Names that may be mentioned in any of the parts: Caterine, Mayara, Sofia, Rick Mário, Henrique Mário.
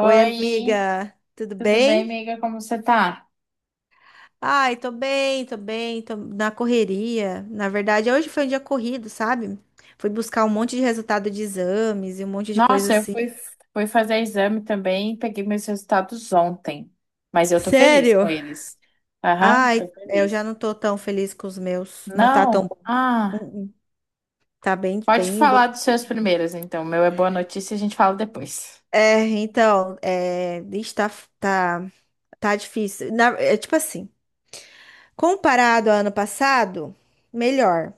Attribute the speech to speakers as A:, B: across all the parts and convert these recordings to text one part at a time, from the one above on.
A: Oi, amiga, tudo
B: tudo bem,
A: bem?
B: amiga? Como você tá?
A: Ai, tô bem, tô bem, tô na correria. Na verdade, hoje foi um dia corrido, sabe? Fui buscar um monte de resultado de exames e um monte de coisa
B: Nossa,
A: assim.
B: fui fazer exame também, peguei meus resultados ontem, mas eu tô feliz com
A: Sério?
B: eles. Aham,
A: Ai,
B: tô
A: é, eu já
B: feliz.
A: não tô tão feliz com os meus. Não tá tão
B: Não?
A: bom.
B: Ah,
A: Uh, uh. Tá bem,
B: pode
A: bem,
B: falar dos
A: bem.
B: seus primeiros, então. O meu é boa notícia, a gente fala depois.
A: É, então, é, ixi, tá, tá difícil. É, tipo assim, comparado ao ano passado, melhor.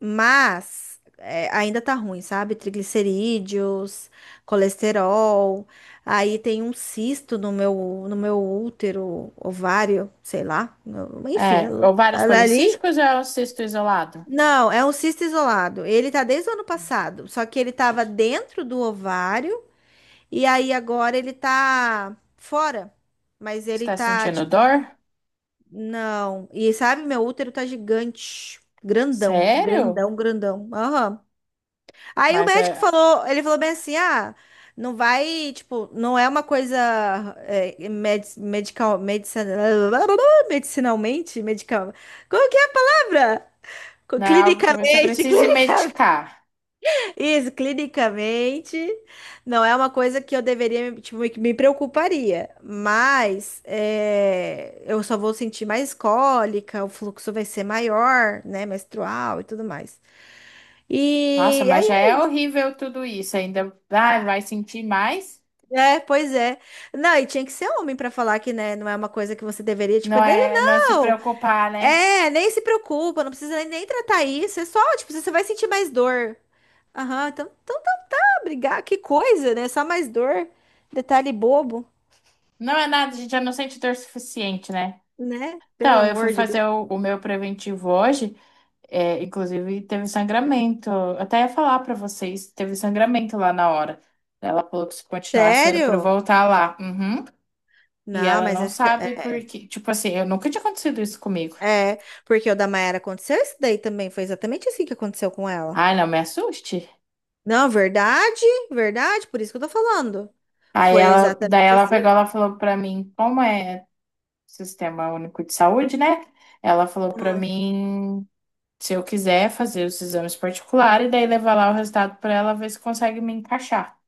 A: Mas é, ainda tá ruim, sabe? Triglicerídeos, colesterol. Aí tem um cisto no meu útero, ovário, sei lá. Enfim,
B: É, ovários
A: ali.
B: policísticos ou é o cisto isolado?
A: Não, é um cisto isolado. Ele tá desde o ano passado, só que ele tava dentro do ovário e aí agora ele tá fora. Mas
B: Você
A: ele
B: tá
A: tá
B: sentindo
A: tipo,
B: dor?
A: não. E sabe, meu útero tá gigante, grandão,
B: Sério?
A: grandão, grandão. Aham. Aí o
B: Mas
A: médico
B: é,
A: falou, ele falou bem assim, ah, não vai, tipo, não é uma coisa é, medical, medicina, medicinalmente, medical, como que é a palavra?
B: não é algo que você
A: Clinicamente,
B: precise
A: clinicamente,
B: medicar.
A: isso, clinicamente, não é uma coisa que eu deveria, tipo, que me preocuparia, mas é, eu só vou sentir mais cólica, o fluxo vai ser maior, né, menstrual e tudo mais.
B: Nossa,
A: E
B: mas já é horrível tudo isso. Ainda ah, vai sentir mais.
A: É, pois é. Não, e tinha que ser homem pra falar que, né, não é uma coisa que você deveria, tipo, é
B: Não
A: dele,
B: é, não se
A: não.
B: preocupar, né?
A: É, nem se preocupa, não precisa nem tratar isso. É só, tipo, você vai sentir mais dor. Aham, então tá pra brigar, que coisa, né? Só mais dor. Detalhe bobo,
B: Não é nada, a gente já não sente dor suficiente, né?
A: né? Pelo
B: Então, eu fui
A: amor de
B: fazer
A: Deus.
B: o meu preventivo hoje, é, inclusive teve sangramento. Eu até ia falar pra vocês, teve sangramento lá na hora. Ela falou que se continuasse era pra eu
A: Sério?
B: voltar lá. Uhum. E
A: Não,
B: ela
A: mas
B: não
A: é,
B: sabe por quê. Tipo assim, eu nunca tinha acontecido isso comigo.
A: é, é, porque o da Mayara aconteceu isso daí também. Foi exatamente assim que aconteceu com ela.
B: Ai, não me assuste.
A: Não, verdade, verdade, por isso que eu tô falando.
B: Aí
A: Foi
B: ela, daí
A: exatamente
B: ela pegou,
A: assim.
B: ela falou pra mim, como é? Sistema Único de Saúde, né? Ela falou pra mim se eu quiser fazer os exames particulares e daí levar lá o resultado pra ela ver se consegue me encaixar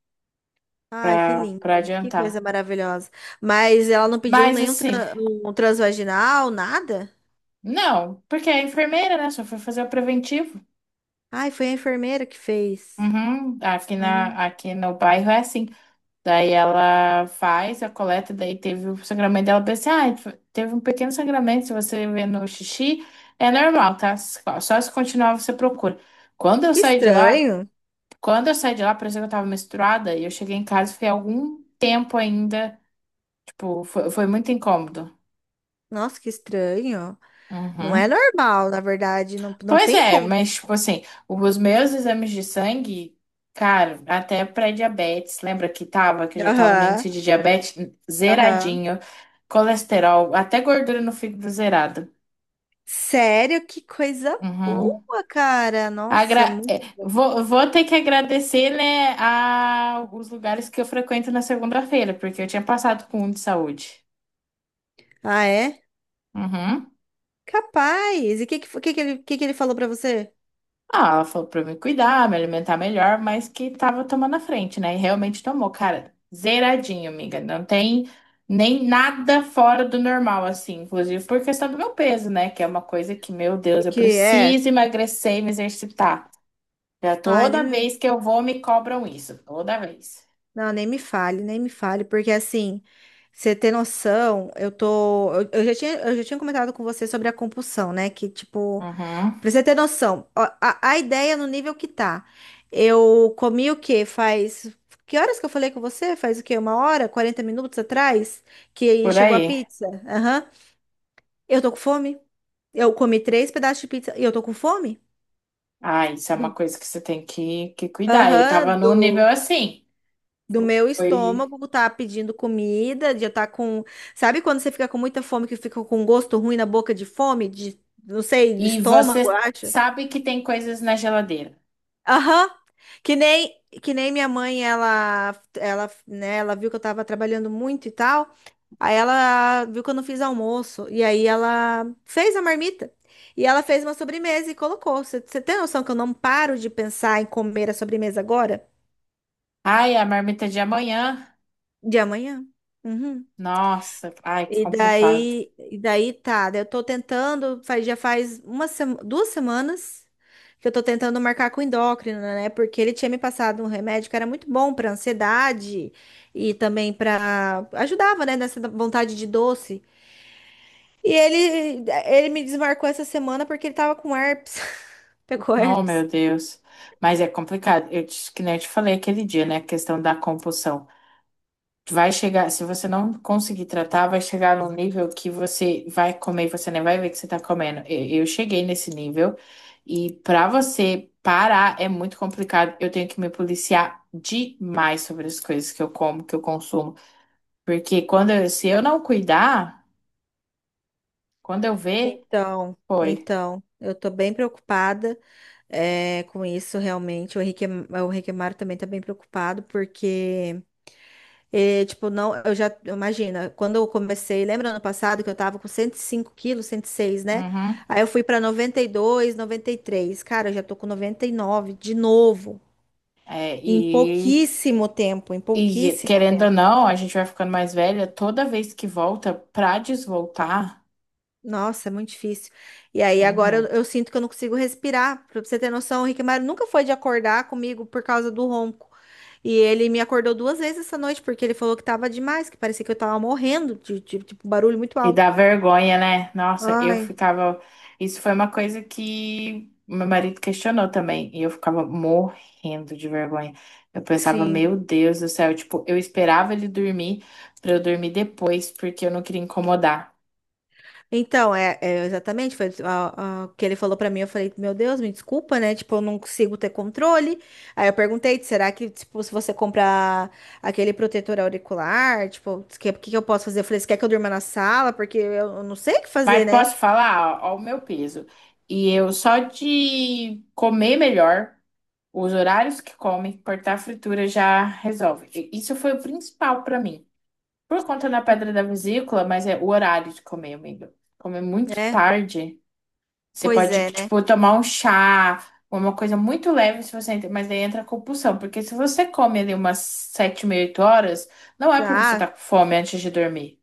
A: Ai, que
B: pra
A: lindo.
B: para
A: Que
B: adiantar.
A: coisa maravilhosa. Mas ela não pediu
B: Mas
A: nenhum
B: assim,
A: um transvaginal, nada?
B: não, porque é enfermeira, né? Só foi fazer o preventivo.
A: Ai, foi a enfermeira que fez.
B: Uhum, aqui na
A: Hum.
B: aqui no bairro é assim. Daí ela faz a coleta, daí teve o sangramento dela, pensei, ah, teve um pequeno sangramento, se você vê no xixi, é normal, tá? Só se continuar você procura. Quando eu
A: Que
B: saí de lá,
A: estranho.
B: Quando eu saí de lá, parecia que eu tava menstruada e eu cheguei em casa e fiquei algum tempo ainda. Tipo, foi muito incômodo.
A: Nossa, que estranho. Não é
B: Uhum.
A: normal, na verdade. Não, não
B: Pois
A: tem
B: é,
A: como.
B: mas, tipo assim, os meus exames de sangue, cara, até pré-diabetes, lembra que tava, que eu já tava no
A: Aham,
B: índice de diabetes
A: aham.
B: zeradinho, colesterol, até gordura no fígado zerada.
A: Sério, que coisa
B: Uhum.
A: boa, cara. Nossa,
B: Agra-
A: muito
B: é,
A: bom.
B: vou ter que agradecer, né, a os lugares que eu frequento na segunda-feira, porque eu tinha passado com um de saúde.
A: Ah, é?
B: Uhum.
A: Capaz. E o que ele, que ele falou pra você?
B: Ah, ela falou pra eu me cuidar, me alimentar melhor, mas que tava tomando a frente, né? E realmente tomou, cara, zeradinho, amiga. Não tem nem nada fora do normal, assim, inclusive por questão do meu peso, né? Que é uma coisa que, meu
A: O
B: Deus, eu
A: que é?
B: preciso emagrecer e me exercitar. Já
A: Ai, nem
B: toda
A: me
B: vez que eu vou, me cobram isso, toda vez.
A: Não, nem me fale, nem me fale, porque assim, você ter noção, eu tô. Eu já tinha, eu já tinha comentado com você sobre a compulsão, né? Que, tipo,
B: Uhum,
A: pra você ter noção, ó, a ideia no nível que tá. Eu comi o quê? Faz. Que horas que eu falei com você? Faz o quê? 1 hora? 40 minutos atrás? Que
B: por
A: chegou a
B: aí.
A: pizza? Aham. Eu tô com fome. Eu comi três pedaços de pizza e eu tô com fome?
B: Ah, isso é uma
A: Do-
B: coisa que você tem que cuidar. Eu tava
A: Aham,
B: num nível assim.
A: do meu
B: Foi.
A: estômago tá pedindo comida, de eu tá com, sabe quando você fica com muita fome que fica com um gosto ruim na boca de fome, de não sei, do
B: E
A: estômago, eu
B: você
A: acho.
B: sabe que tem coisas na geladeira.
A: Aham. Que nem minha mãe, ela, né, ela viu que eu tava trabalhando muito e tal. Aí ela viu que eu não fiz almoço e aí ela fez a marmita. E ela fez uma sobremesa e colocou. Você tem noção que eu não paro de pensar em comer a sobremesa agora?
B: Ai, a marmita de amanhã.
A: De amanhã? Uhum.
B: Nossa, ai, que
A: E
B: complicado.
A: daí, e daí tá, daí eu tô tentando, já faz 2 semanas que eu tô tentando marcar com o endócrino, né? Porque ele tinha me passado um remédio que era muito bom pra ansiedade e também pra ajudava, né, nessa vontade de doce. E ele me desmarcou essa semana porque ele tava com herpes. Pegou
B: Oh,
A: herpes.
B: meu Deus. Mas é complicado. Eu te, que nem eu te falei aquele dia, né? A questão da compulsão. Vai chegar, se você não conseguir tratar, vai chegar num nível que você vai comer e você nem vai ver que você tá comendo. Eu cheguei nesse nível e pra você parar é muito complicado. Eu tenho que me policiar demais sobre as coisas que eu como, que eu consumo. Porque quando eu- se eu não cuidar, quando eu ver,
A: Então,
B: foi.
A: então, eu tô bem preocupada com isso realmente. O Henrique Mário também tá bem preocupado porque é, tipo, não, eu já, imagina, quando eu comecei, lembra ano passado que eu tava com 105 quilos, 106, né?
B: Uhum.
A: Aí eu fui pra 92, 93. Cara, eu já tô com 99 de novo,
B: É,
A: em
B: e,
A: pouquíssimo tempo, em
B: e
A: pouquíssimo
B: querendo ou
A: tempo.
B: não, a gente vai ficando mais velha, toda vez que volta, pra desvoltar,
A: Nossa, é muito difícil. E aí agora eu,
B: uhum,
A: eu sinto que eu não consigo respirar. Pra você ter noção, o Rick Mário nunca foi de acordar comigo por causa do ronco. E ele me acordou duas vezes essa noite porque ele falou que tava demais, que parecia que eu tava morrendo de, tipo, barulho muito
B: e dá
A: alto.
B: vergonha, né? Nossa, eu
A: Ai,
B: ficava. Isso foi uma coisa que meu marido questionou também, e eu ficava morrendo de vergonha. Eu pensava,
A: sim.
B: meu Deus do céu, tipo, eu esperava ele dormir pra eu dormir depois, porque eu não queria incomodar.
A: Então, é exatamente, foi o que ele falou pra mim, eu falei, meu Deus, me desculpa, né? Tipo, eu não consigo ter controle. Aí eu perguntei, será que, tipo, se você comprar aquele protetor auricular, tipo, o que, que eu posso fazer? Eu falei, você quer que eu durma na sala? Porque eu não sei o que
B: Mas
A: fazer, né?
B: posso falar, ó o meu peso. E eu só de comer melhor. Os horários que come, cortar a fritura já resolve. E isso foi o principal pra mim. Por conta da
A: E-
B: pedra da vesícula, mas é o horário de comer, amigo. Comer muito
A: é,
B: tarde, você
A: pois
B: pode,
A: é, né?
B: tipo, tomar um chá, uma coisa muito leve, se você entra, mas daí entra a compulsão. Porque se você come ali umas sete, meia, oito horas, não é pra você estar
A: Ah,
B: com fome antes de dormir.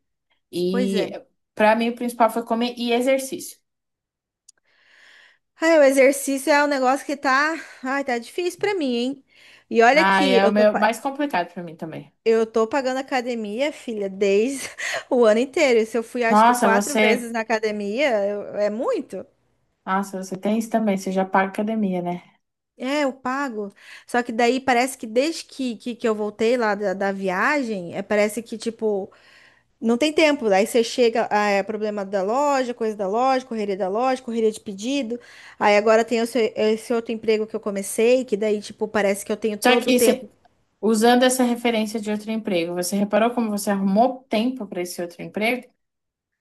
A: pois
B: E
A: é.
B: pra mim o principal foi comer e exercício.
A: Ai, o exercício é um negócio que tá difícil pra mim, hein? E olha
B: Ah,
A: que
B: é o
A: eu tô,
B: meu mais complicado pra mim também.
A: Eu tô pagando academia, filha, desde o ano inteiro. E se eu fui, acho que
B: Nossa,
A: quatro
B: você
A: vezes na academia, é muito?
B: Nossa, você tem isso também, você já paga academia, né?
A: É, eu pago. Só que daí parece que desde que eu voltei lá da, viagem, parece que, tipo, não tem tempo. Aí você chega, ah, é problema da loja, coisa da loja, correria de pedido. Aí agora tem esse outro emprego que eu comecei, que daí, tipo, parece que eu tenho
B: Só
A: todo o
B: que
A: tempo.
B: usando essa referência de outro emprego, você reparou como você arrumou tempo para esse outro emprego?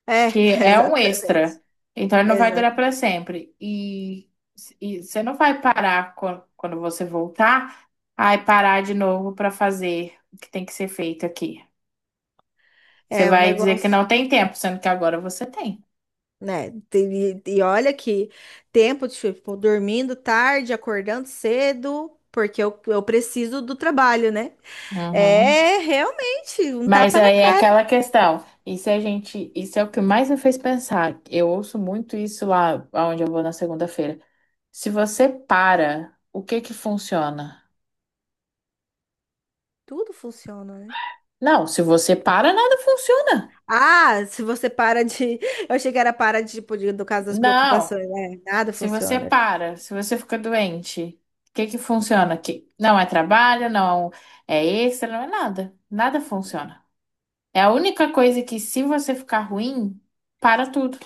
A: É,
B: Que é um
A: exatamente.
B: extra. Então ele não vai durar
A: Exato.
B: para sempre. E você não vai parar quan- quando você voltar, aí parar de novo para fazer o que tem que ser feito aqui. Você
A: É, um
B: vai dizer que
A: negócio.
B: não tem tempo, sendo que agora você tem.
A: Né? E olha que tempo, tipo, dormindo tarde, acordando cedo, porque eu preciso do trabalho, né?
B: Uhum.
A: É realmente um
B: Mas
A: tapa na
B: aí é
A: cara.
B: aquela questão. Isso é o que mais me fez pensar. Eu ouço muito isso lá onde eu vou na segunda-feira. Se você para, o que que funciona?
A: Tudo funciona, né?
B: Não, se você para, nada funciona.
A: Ah, se você para de. Eu achei que era para de, tipo, do caso das
B: Não,
A: preocupações, né? Nada
B: se você
A: funciona.
B: para, se você fica doente, o que que funciona? Que não é trabalho, não é extra, não é nada. Nada funciona. É a única coisa que se você ficar ruim, para tudo.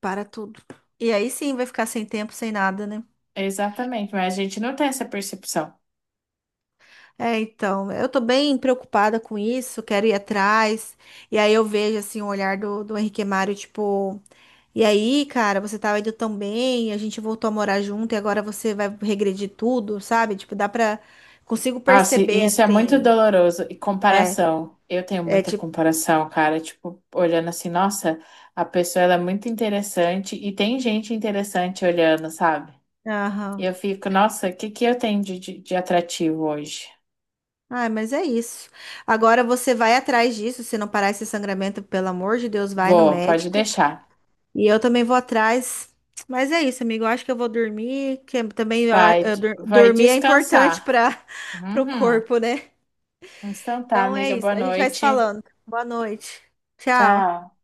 A: Para tudo. E aí sim vai ficar sem tempo, sem nada, né?
B: Exatamente, mas a gente não tem essa percepção.
A: É, então, eu tô bem preocupada com isso, quero ir atrás. E aí eu vejo assim o olhar do, Henrique Mário, tipo. E aí, cara, você tava indo tão bem, a gente voltou a morar junto e agora você vai regredir tudo, sabe? Tipo, dá pra. Consigo
B: Nossa, e
A: perceber
B: isso é muito
A: assim.
B: doloroso. E
A: É,
B: comparação. Eu tenho
A: é
B: muita
A: tipo.
B: comparação, cara. Tipo, olhando assim, nossa, a pessoa ela é muito interessante e tem gente interessante olhando, sabe? E
A: Aham.
B: eu fico, nossa, o que que eu tenho de atrativo hoje?
A: Ai, mas é isso. Agora você vai atrás disso, se não parar esse sangramento, pelo amor de Deus, vai no
B: Vou, pode
A: médico.
B: deixar.
A: E eu também vou atrás. Mas é isso, amigo. Eu acho que eu vou dormir, que também
B: Vai, vai
A: dormir é importante
B: descansar.
A: para o
B: Uhum.
A: corpo, né?
B: Então tá,
A: Então é
B: amiga,
A: isso.
B: boa
A: A gente vai se
B: noite.
A: falando. Boa noite. Tchau.
B: Tchau.